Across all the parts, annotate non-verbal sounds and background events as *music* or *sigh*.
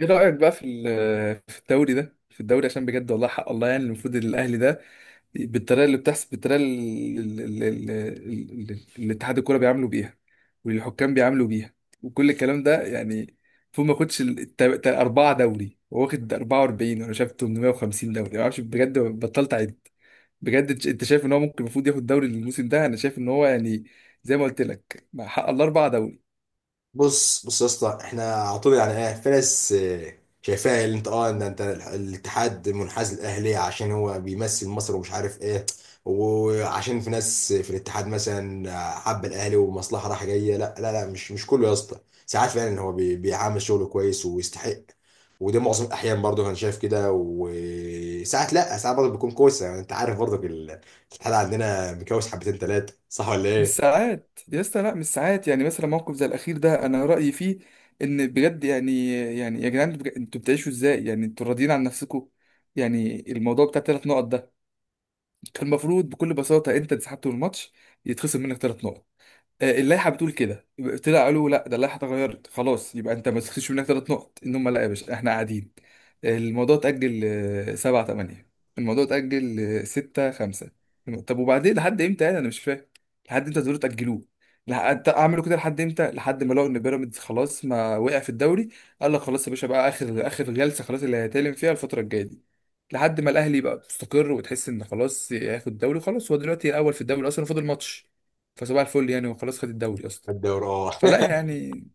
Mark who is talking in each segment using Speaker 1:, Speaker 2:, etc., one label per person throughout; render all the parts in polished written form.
Speaker 1: ايه رأيك بقى في الدوري ده في الدوري عشان بجد، والله حق الله. يعني المفروض الاهلي ده بالطريقه اللي بتحصل، بالطريقه اللي اتحاد الكوره بيعاملوا بيها والحكام بيعاملوا بيها وكل الكلام ده. يعني المفروض ما ياخدش اربعه دوري. هو واخد 44 وانا شايف 850 دوري، ما اعرفش بجد، بطلت اعد. بجد انت، أنت شايف ان هو ممكن المفروض ياخد دوري الموسم ده؟ انا شايف ان هو يعني زي ما قلت لك، مع حق الله، اربعه دوري.
Speaker 2: بص بص يا اسطى، احنا على طول يعني ايه في ناس شايفاها اللي انت ان انت الاتحاد منحاز للاهلي عشان هو بيمثل مصر ومش عارف ايه، وعشان في ناس في الاتحاد مثلا حب الاهلي ومصلحه رايحه جايه. لا لا لا، مش كله يا اسطى. ساعات فعلا هو بيعامل شغله كويس ويستحق، وده معظم الاحيان برضه انا شايف كده، وساعات لا، ساعات برضه بيكون كويس. يعني انت عارف برضه الاتحاد عندنا مكوس حبتين ثلاثه، صح ولا
Speaker 1: مش
Speaker 2: ايه؟
Speaker 1: ساعات يا اسطى، لا مش ساعات. يعني مثلا موقف زي الاخير ده، انا رايي فيه ان بجد يعني يعني يا جدعان، انتوا بتعيشوا ازاي؟ يعني انتوا راضيين عن نفسكم؟ يعني الموضوع بتاع ثلاث نقط ده، كان المفروض بكل بساطه انت انسحبت من الماتش يتخصم منك ثلاث نقط. آه، اللائحه بتقول كده. طلع قالوا لا ده اللائحه اتغيرت خلاص، يبقى انت ما تخسرش منك ثلاث نقط. ان هم، لا يا باشا احنا قاعدين. آه، الموضوع اتاجل. آه، سبعة تمانية. الموضوع اتاجل. آه، ستة خمسة. طب وبعدين لحد امتى؟ يعني انا مش فاهم لحد امتى تقدروا تاجلوه. لحد اعملوا كده لحد امتى؟ لحد ما لقوا ان بيراميدز خلاص ما وقع في الدوري. قال لك خلاص يا باشا، بقى اخر اخر جلسه خلاص اللي هيتكلم فيها الفتره الجايه دي لحد ما الاهلي يبقى مستقر وتحس ان خلاص هياخد الدوري. خلاص هو دلوقتي الاول في الدوري اصلا، فاضل ماتش. فصباح الفل يعني، وخلاص، خد الدوري اصلا.
Speaker 2: الدوري اه
Speaker 1: فلا
Speaker 2: *laughs*
Speaker 1: يعني.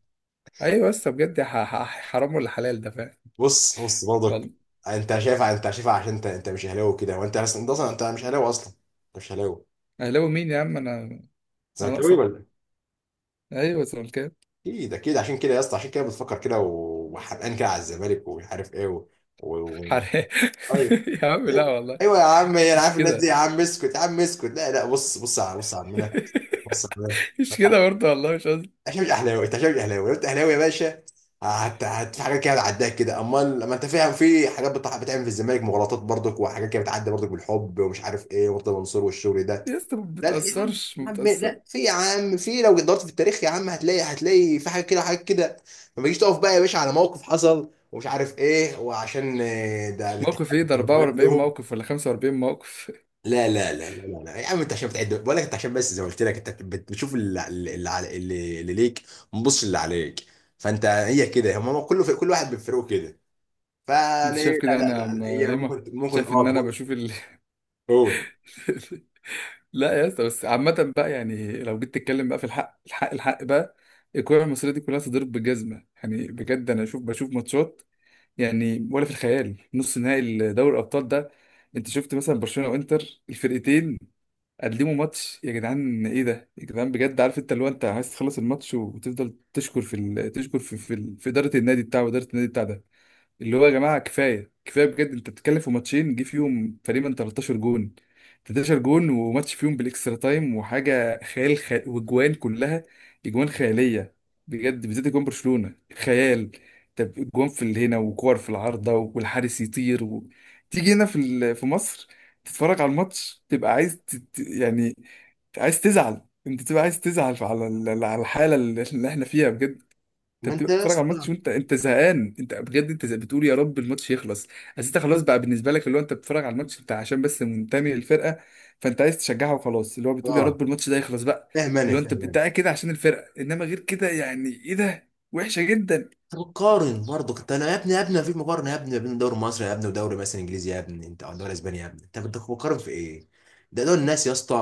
Speaker 1: ايوه بس بجد، حرام ولا حلال ده؟ فاهم،
Speaker 2: بص بص
Speaker 1: والله.
Speaker 2: برضك، انت شايفها عشان انت مش اهلاوي كده، وانت اصلا انت مش اهلاوي اصلا. انت مش اهلاوي.
Speaker 1: اهلاوي مين يا عم؟ انا انا
Speaker 2: زملكاوي
Speaker 1: ناقصه.
Speaker 2: ولا إيه؟
Speaker 1: ايوه زملكاوي
Speaker 2: اكيد اكيد، عشان كده يا اسطى عشان كده بتفكر كده وحرقان كده على الزمالك ومش عارف ايه و-
Speaker 1: حلال.
Speaker 2: ايوه
Speaker 1: *laughs* يا عم لا
Speaker 2: ايوه.
Speaker 1: والله.
Speaker 2: ايوه يا عم، انا
Speaker 1: مش
Speaker 2: عارف الناس دي
Speaker 1: كده.
Speaker 2: يا عم، اسكت يا عم، اسكت. لا لا، بص بص على عمنا. بص،
Speaker 1: *laughs* مش كده برضه، والله مش قصدي.
Speaker 2: عشان مش اهلاوي انت، عشان مش اهلاوي. لو انت اهلاوي يا باشا هت في حاجات كده هتعداك كده. امال لما انت فاهم في حاجات بتعمل في الزمالك مغالطات برضك، وحاجات كده بتعدي برضك بالحب ومش عارف ايه ومرتضى منصور والشغل ده.
Speaker 1: يا اسطى ما
Speaker 2: لا لا يا عم،
Speaker 1: بتأثرش، ما
Speaker 2: يا عم
Speaker 1: بتأثر.
Speaker 2: لا، في يا عم في. لو دورت في التاريخ يا عم هتلاقي في حاجات كده حاجات كده. ما تجيش تقف بقى يا باشا على موقف حصل ومش عارف ايه، وعشان ده الاتحاد
Speaker 1: موقف ايه ده؟ 44
Speaker 2: لهم.
Speaker 1: موقف ولا 45 موقف؟ *laughs*
Speaker 2: لا لا لا لا لا لا. يا عم انت عشان بتعد بقول لك، انت عشان بس زي ما قلت لك انت بتشوف اللي ليك، ما بتبصش اللي عليك. فانت هي كده، هم كله في كل واحد بفرقه كده.
Speaker 1: انت
Speaker 2: فيعني
Speaker 1: شايف
Speaker 2: لا
Speaker 1: كده.
Speaker 2: لا
Speaker 1: انا يا
Speaker 2: لا
Speaker 1: عم
Speaker 2: لا، هي
Speaker 1: هيما
Speaker 2: ممكن ممكن
Speaker 1: شايف
Speaker 2: اه
Speaker 1: ان انا
Speaker 2: تقول.
Speaker 1: بشوف ال...
Speaker 2: قول.
Speaker 1: *laughs* لا يا اسطى، بس عامة بقى، يعني لو جيت تتكلم بقى في الحق، الحق الحق بقى، الكورة المصرية دي كلها تضرب بالجزمة. يعني بجد أنا أشوف، بشوف ماتشات، يعني ولا في الخيال. نص نهائي دوري الأبطال ده، أنت شفت مثلا برشلونة وإنتر؟ الفرقتين قدموا ماتش يا جدعان. إيه ده يا جدعان بجد؟ عارف، أنت اللي هو أنت عايز تخلص الماتش وتفضل تشكر تشكر في إدارة النادي بتاعه وإدارة النادي بتاع ده. اللي هو يا جماعه، كفايه كفايه بجد. انت بتتكلم في ماتشين جه فيهم تقريبا 13 جون، 13 جون، وماتش فيهم بالاكسترا تايم وحاجه خيال، واجوان كلها اجوان خياليه بجد. بالذات اجوان برشلونه خيال. طب اجوان في اللي هنا، وكور في العارضه والحارس يطير و... تيجي هنا في مصر، تتفرج على الماتش تبقى عايز يعني عايز تزعل. انت تبقى عايز تزعل على على الحاله اللي احنا فيها بجد. انت
Speaker 2: ما انت
Speaker 1: بتبقى
Speaker 2: يا
Speaker 1: بتتفرج على الماتش
Speaker 2: اسطى
Speaker 1: وانت، انت زهقان. انت بجد انت بتقول يا رب الماتش يخلص. بس انت خلاص بقى، بالنسبه لك اللي هو انت بتتفرج على الماتش بتاع عشان بس منتمي للفرقه، فانت عايز تشجعها وخلاص، اللي هو بتقول يا
Speaker 2: اه.
Speaker 1: رب الماتش ده يخلص بقى.
Speaker 2: فاهم انا،
Speaker 1: اللي هو انت،
Speaker 2: فاهم
Speaker 1: انت
Speaker 2: انا.
Speaker 1: قاعد كده عشان الفرقه، انما غير كده يعني ايه ده؟ وحشه جدا.
Speaker 2: تقارن برضه كنت انا يا ابني، يا ابني مفيش مقارنه يا ابني، بين الدوري المصري يا ابني ودوري مثلا انجليزي يا ابني انت، او دوري اسباني يا ابني انت. كنت بتقارن في ايه؟ ده دول الناس يا اسطى،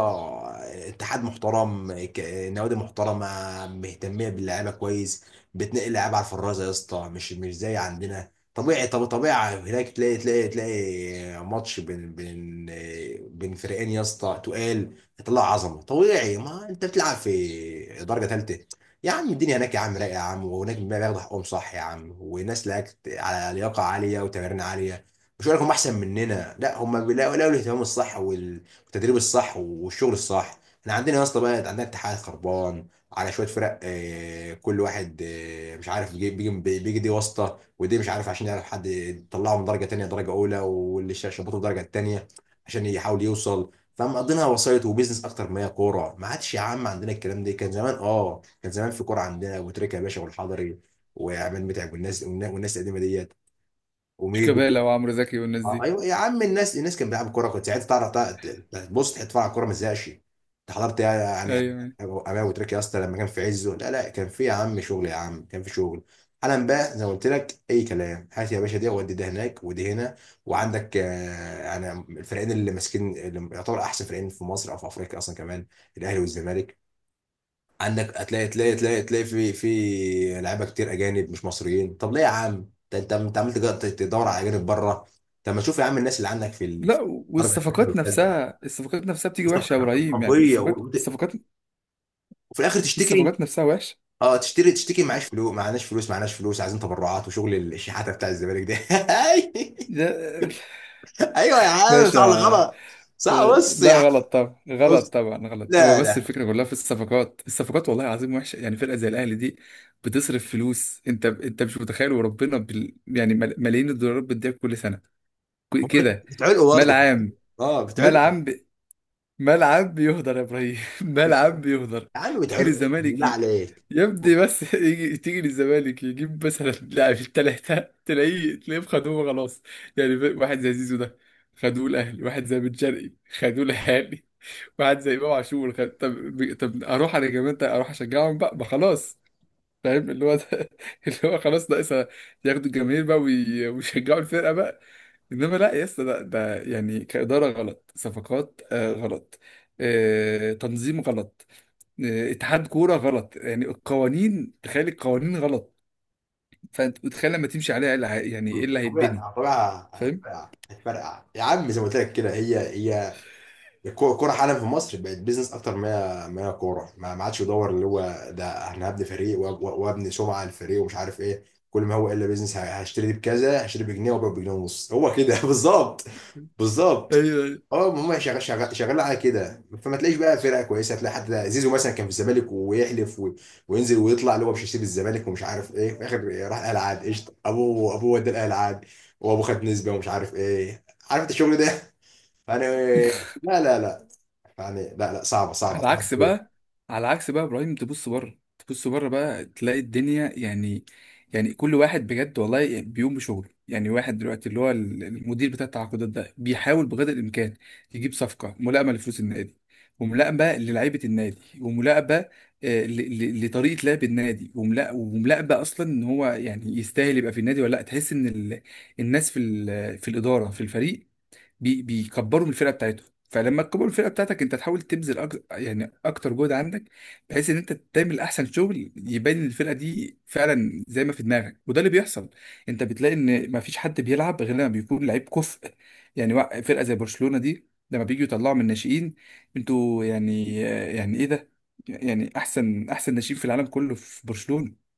Speaker 2: اتحاد محترم، نوادي محترمه، مهتميه باللعيبه كويس، بتنقل لعيبه على الفرازه يا اسطى. مش زي عندنا. طبيعي، طب طبيعي هناك تلاقي ماتش بين فريقين يا اسطى تقال يطلع عظمه. طبيعي، ما انت بتلعب في درجه ثالثه. يا عم الدنيا هناك يا عم رايقه يا عم، وهناك بياخدوا حقهم صح يا عم، وناس لك على لياقه عاليه وتمارين عاليه. مش هقول لك هم احسن مننا، لا، هم لقوا الاهتمام الصح والتدريب الصح والشغل الصح. احنا عندنا يا اسطى بقى عندنا اتحاد خربان على شويه فرق. كل واحد مش عارف بيجي دي واسطه، ودي مش عارف عشان يعرف حد يطلعه من درجه تانيه درجه اولى، واللي شبطه في درجه تانيه عشان يحاول يوصل. فمقضينها وسايط وبيزنس اكتر ما هي كوره. ما عادش يا عم عندنا الكلام ده. كان زمان اه، كان زمان في كوره عندنا، ابو تريكه يا باشا والحضري وعماد متعب والناس والناس القديمه ديت وميدو.
Speaker 1: شيكابالا وعمرو زكي والناس دي،
Speaker 2: ايوه يا عم، الناس كانت بتلعب كوره. كنت ساعتها تعرف بص تتفرج على الكوره ما تزهقش. انت حضرت يعني
Speaker 1: ايوه.
Speaker 2: امام ابو تريكه يا اسطى لما كان في عزه. لا لا، كان في يا عم شغل يا عم، كان في شغل. حالا بقى زي ما قلت لك اي كلام. هات يا باشا دي ودي ده هناك ودي هنا. وعندك يعني الفريقين اللي ماسكين، اللي يعتبر احسن فريقين في مصر او في افريقيا اصلا كمان، الاهلي والزمالك. عندك هتلاقي تلاقي في لعيبه كتير اجانب مش مصريين. طب ليه يا عم؟ ده انت عمال تدور على اجانب بره. طب ما تشوف يا عم الناس اللي عندك في في
Speaker 1: لا،
Speaker 2: الدرجه الثانيه
Speaker 1: والصفقات
Speaker 2: والثالثه،
Speaker 1: نفسها، الصفقات نفسها بتيجي وحشه يا ابراهيم. يعني
Speaker 2: قويه.
Speaker 1: الصفقات
Speaker 2: وفي
Speaker 1: الصفقات،
Speaker 2: الاخر تشتكي.
Speaker 1: الصفقات نفسها وحشه.
Speaker 2: اه تشتكي معاش فلوس، معناش فلوس، معناش فلوس، عايزين تبرعات وشغل الشحاته بتاع الزمالك ده.
Speaker 1: ده *laughs*
Speaker 2: *laughs* ايوه يا عم، صح ولا
Speaker 1: باشا،
Speaker 2: غلط؟ صح. بص يا عم،
Speaker 1: لا غلط طبعا،
Speaker 2: بص.
Speaker 1: غلط طبعا غلط. هو
Speaker 2: لا
Speaker 1: بس
Speaker 2: لا
Speaker 1: الفكره كلها في الصفقات، الصفقات، والله العظيم وحشه. يعني فرقه زي الاهلي دي بتصرف فلوس، انت، انت مش متخيل وربنا يعني ملايين الدولارات بتضيع كل سنه كده.
Speaker 2: بتعلقوا
Speaker 1: مال
Speaker 2: برضه.
Speaker 1: عام.
Speaker 2: اه
Speaker 1: مال
Speaker 2: بتعلقوا.
Speaker 1: عام مال عام بيهدر يا ابراهيم. *laughs* مال عام بيهدر.
Speaker 2: يا عم
Speaker 1: تيجي
Speaker 2: بتعلقوا
Speaker 1: للزمالك
Speaker 2: بالله عليك.
Speaker 1: يبدي بس. *laughs* يجي تيجي للزمالك يجيب مثلا لاعب التلاته، تلاقيه تلاقيه خدوه خلاص. يعني واحد زي زيزو ده، خدوه الاهلي. واحد زي بن شرقي، خدوه الاهلي. واحد زي امام عاشور طب، طب اروح انا كمان، طيب اروح اشجعهم بقى، ما خلاص، فاهم اللي هو ده. *laughs* اللي هو خلاص ناقصها، ياخدوا الجماهير بقى ويشجعوا الفرقه بقى. انما لا يا اسطى، ده يعني كاداره غلط، صفقات آه غلط، آه تنظيم غلط، آه اتحاد كوره غلط. يعني القوانين، تخيل، القوانين غلط. فانت متخيل لما تمشي عليها إيه اللي هي- يعني ايه اللي
Speaker 2: طبيعي طبيعي.
Speaker 1: هيتبني؟ فاهم؟
Speaker 2: هتفرقع هتفرقع يا عم، زي ما قلت لك كده هي هي. الكوره حالا في مصر بقت بيزنس اكتر ما هي كوره. ما عادش يدور اللي هو ده انا هبني فريق وابني سمعه للفريق ومش عارف ايه. كل ما هو الا بيزنس. هشتري دي بكذا، هشتري بجنيه وابيع بجنيه ونص. هو كده *laughs* بالظبط. بالظبط.
Speaker 1: ايوه، أيوة.
Speaker 2: اه، ما هم شغال على كده. فما تلاقيش بقى فرقه كويسه. تلاقي حتى زيزو مثلا كان في الزمالك ويحلف وينزل ويطلع اللي هو مش هيسيب الزمالك ومش عارف ايه. في الاخر راح الاهلي، عاد قشطه ابوه، ابوه ودى الاهلي عاد وابوه خد نسبه ومش عارف ايه. عارف انت الشغل ده. *laughs* انا لا لا لا، يعني لا لا. صعبة صعبة
Speaker 1: على عكس
Speaker 2: صعبة.
Speaker 1: بقى، على عكس بقى ابراهيم، تبص بره، تبص بره بقى تلاقي الدنيا، يعني يعني كل واحد بجد والله بيقوم بشغله. يعني واحد دلوقتي اللي هو المدير بتاع التعاقدات ده بيحاول بقدر الامكان يجيب صفقه ملائمه لفلوس النادي، وملائمه للعيبه النادي، وملائمه آه، لطريقه لعب النادي، وملائمه اصلا ان هو يعني يستاهل يبقى في النادي ولا لا. تحس ان الناس في في الاداره في الفريق بيكبروا من الفرقه بتاعتهم. فلما تكبر الفرقه بتاعتك انت، تحاول تبذل يعني اكتر جهد عندك، بحيث ان انت تعمل احسن شغل يبان إن الفرقه دي فعلا زي ما في دماغك. وده اللي بيحصل. انت بتلاقي ان ما فيش حد بيلعب غير لما بيكون لعيب كفء. يعني فرقه زي برشلونه دي لما بيجوا يطلعوا من الناشئين، انتوا يعني يعني ايه ده؟ يعني احسن احسن ناشئين في العالم كله في برشلونه،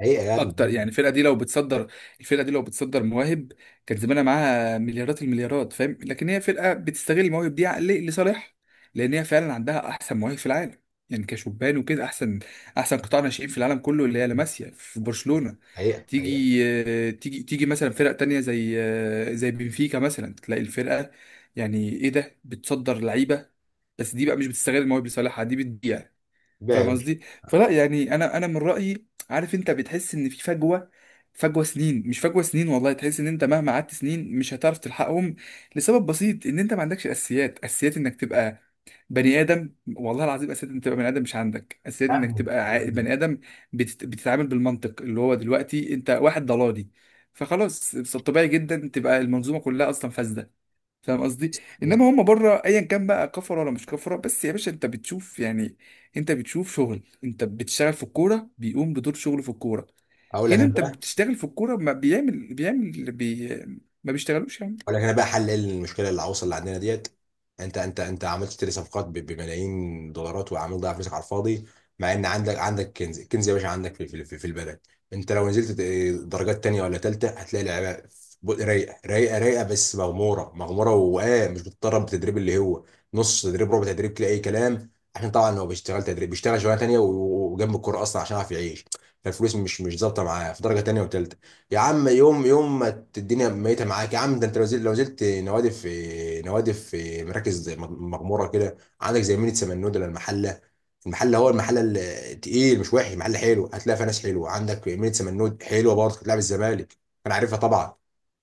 Speaker 2: حقيقة يا ابني.
Speaker 1: اكتر. يعني الفرقه دي لو بتصدر، الفرقه دي لو بتصدر مواهب كان زمانها معاها مليارات المليارات. فاهم؟ لكن هي فرقه بتستغل المواهب دي ل- لصالحها، لان هي فعلا عندها احسن مواهب في العالم. يعني كشبان وكده، احسن احسن قطاع ناشئين في العالم كله اللي هي لاماسيا في برشلونه.
Speaker 2: حقيقة حقيقة
Speaker 1: تيجي آه، تيجي تيجي مثلا فرق تانية زي آه، زي بنفيكا مثلا، تلاقي الفرقه يعني ايه ده بتصدر لعيبه، بس دي بقى مش بتستغل المواهب لصالحها، دي بتضيع.
Speaker 2: بقى يا
Speaker 1: فاهم
Speaker 2: باشا.
Speaker 1: قصدي؟ فلا يعني انا، انا من رايي، عارف انت بتحس ان في فجوه، فجوه سنين. مش فجوه سنين، والله تحس ان انت مهما قعدت سنين مش هتعرف تلحقهم. لسبب بسيط، ان انت ما عندكش اساسيات. اساسيات انك تبقى بني ادم، والله العظيم، اساسيات انك تبقى بني ادم. مش عندك اساسيات
Speaker 2: يا
Speaker 1: انك
Speaker 2: ابني،
Speaker 1: تبقى
Speaker 2: يا
Speaker 1: عاقل
Speaker 2: ابني.
Speaker 1: بني ادم، بتتعامل بالمنطق اللي هو دلوقتي انت واحد ضلالي. فخلاص طبيعي جدا تبقى المنظومه كلها اصلا فاسده. فاهم قصدي؟
Speaker 2: بص،
Speaker 1: انما هم بره، ايا كان بقى كفره ولا مش كفره، بس يا باشا انت بتشوف يعني، انت بتشوف شغل. انت بتشتغل في الكوره بيقوم بدور شغله في الكوره.
Speaker 2: هقول لك
Speaker 1: هنا
Speaker 2: انت،
Speaker 1: انت بتشتغل في الكوره، ما بيعمل ما بيشتغلوش يعني.
Speaker 2: اقول لك انا بقى حل إيه المشكله العويصه اللي عندنا ديت. انت عملت تشتري صفقات بملايين دولارات وعمال تضيع فلوسك على الفاضي، مع ان عندك، عندك كنز، الكنز يا باشا عندك في البلد. انت لو نزلت درجات تانية ولا تالتة هتلاقي لعيبه رايقه، بس مغموره مغموره، واه مش بتتدرب بتدريب اللي هو نص تدريب ربع تدريب كده اي كلام. عشان طبعا هو بيشتغل تدريب، بيشتغل شغلانه تانية وجنب الكوره اصلا عشان يعرف يعيش. فالفلوس مش ظابطه معاه في درجه تانية وتالتة. يا عم يوم يوم ما الدنيا ميته معاك يا عم. ده انت لو زلت، لو زلت نوادي، في نوادي في مراكز مغموره كده عندك زي مينيت سمنود ولا المحله. المحله هو المحله التقيل مش وحش، محل حلو، هتلاقي فيها ناس حلوه. عندك مينيت سمنود حلوه برضه، كانت بتلعب الزمالك. انا عارفها طبعا.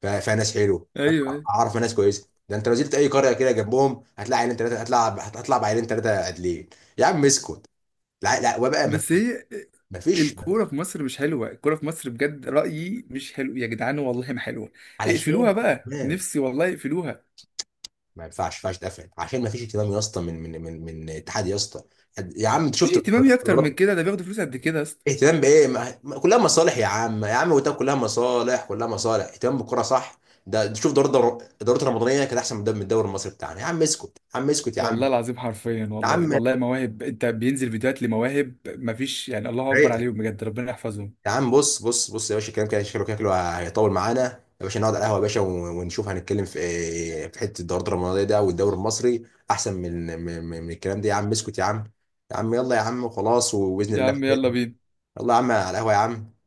Speaker 2: فيها ناس حلوه.
Speaker 1: ايوه
Speaker 2: أنا
Speaker 1: ايوه.
Speaker 2: اعرف ناس كويسه. ده انت لو زلت اي قريه كده جنبهم هتلاقي عيلين ثلاثه هتلعب، هتطلع بعيلين ثلاثه عادلين. يا عم اسكت. لا لا، وبقى ما،
Speaker 1: بس هي
Speaker 2: ما فيش.
Speaker 1: الكوره في مصر مش حلوه. الكوره في مصر بجد، رايي مش حلو يا جدعان، والله ما حلوه، اقفلوها
Speaker 2: علشان
Speaker 1: بقى، نفسي والله اقفلوها.
Speaker 2: ما ينفعش، ما ينفعش تقفل، عشان ما فيش اهتمام يا اسطى من اتحاد يا اسطى. يا عم انت
Speaker 1: مفيش
Speaker 2: شفت *laughs*
Speaker 1: اهتمام اكتر من
Speaker 2: القرارات؟
Speaker 1: كده، ده بياخدوا فلوس قد كده.
Speaker 2: اهتمام بايه؟ كلها مصالح يا عم، يا عم وتاب كلها مصالح، كلها مصالح. اهتمام بالكره صح؟ ده شوف دوري، الدوري الرمضانيه كانت احسن من الدوري المصري بتاعنا. يا عم اسكت، يا عم اسكت، يا
Speaker 1: والله
Speaker 2: عم،
Speaker 1: العظيم حرفيا
Speaker 2: يا
Speaker 1: والله،
Speaker 2: عم،
Speaker 1: والله مواهب. انت بينزل فيديوهات لمواهب مفيش، يعني الله اكبر عليهم بجد، ربنا يحفظهم.
Speaker 2: يا عم. بص بص بص يا باشا، الكلام كده شكله كده شكله هيطول معانا يا باشا، نقعد على القهوه يا باشا ونشوف هنتكلم في إيه، في حته الدوري المرضيه ده والدوري المصري احسن من الكلام ده. يا عم اسكت يا عم، يا عم يلا يا عم، وخلاص وباذن
Speaker 1: يا
Speaker 2: الله.
Speaker 1: عم يلا بينا.
Speaker 2: يلا يا عم على القهوه يا عم.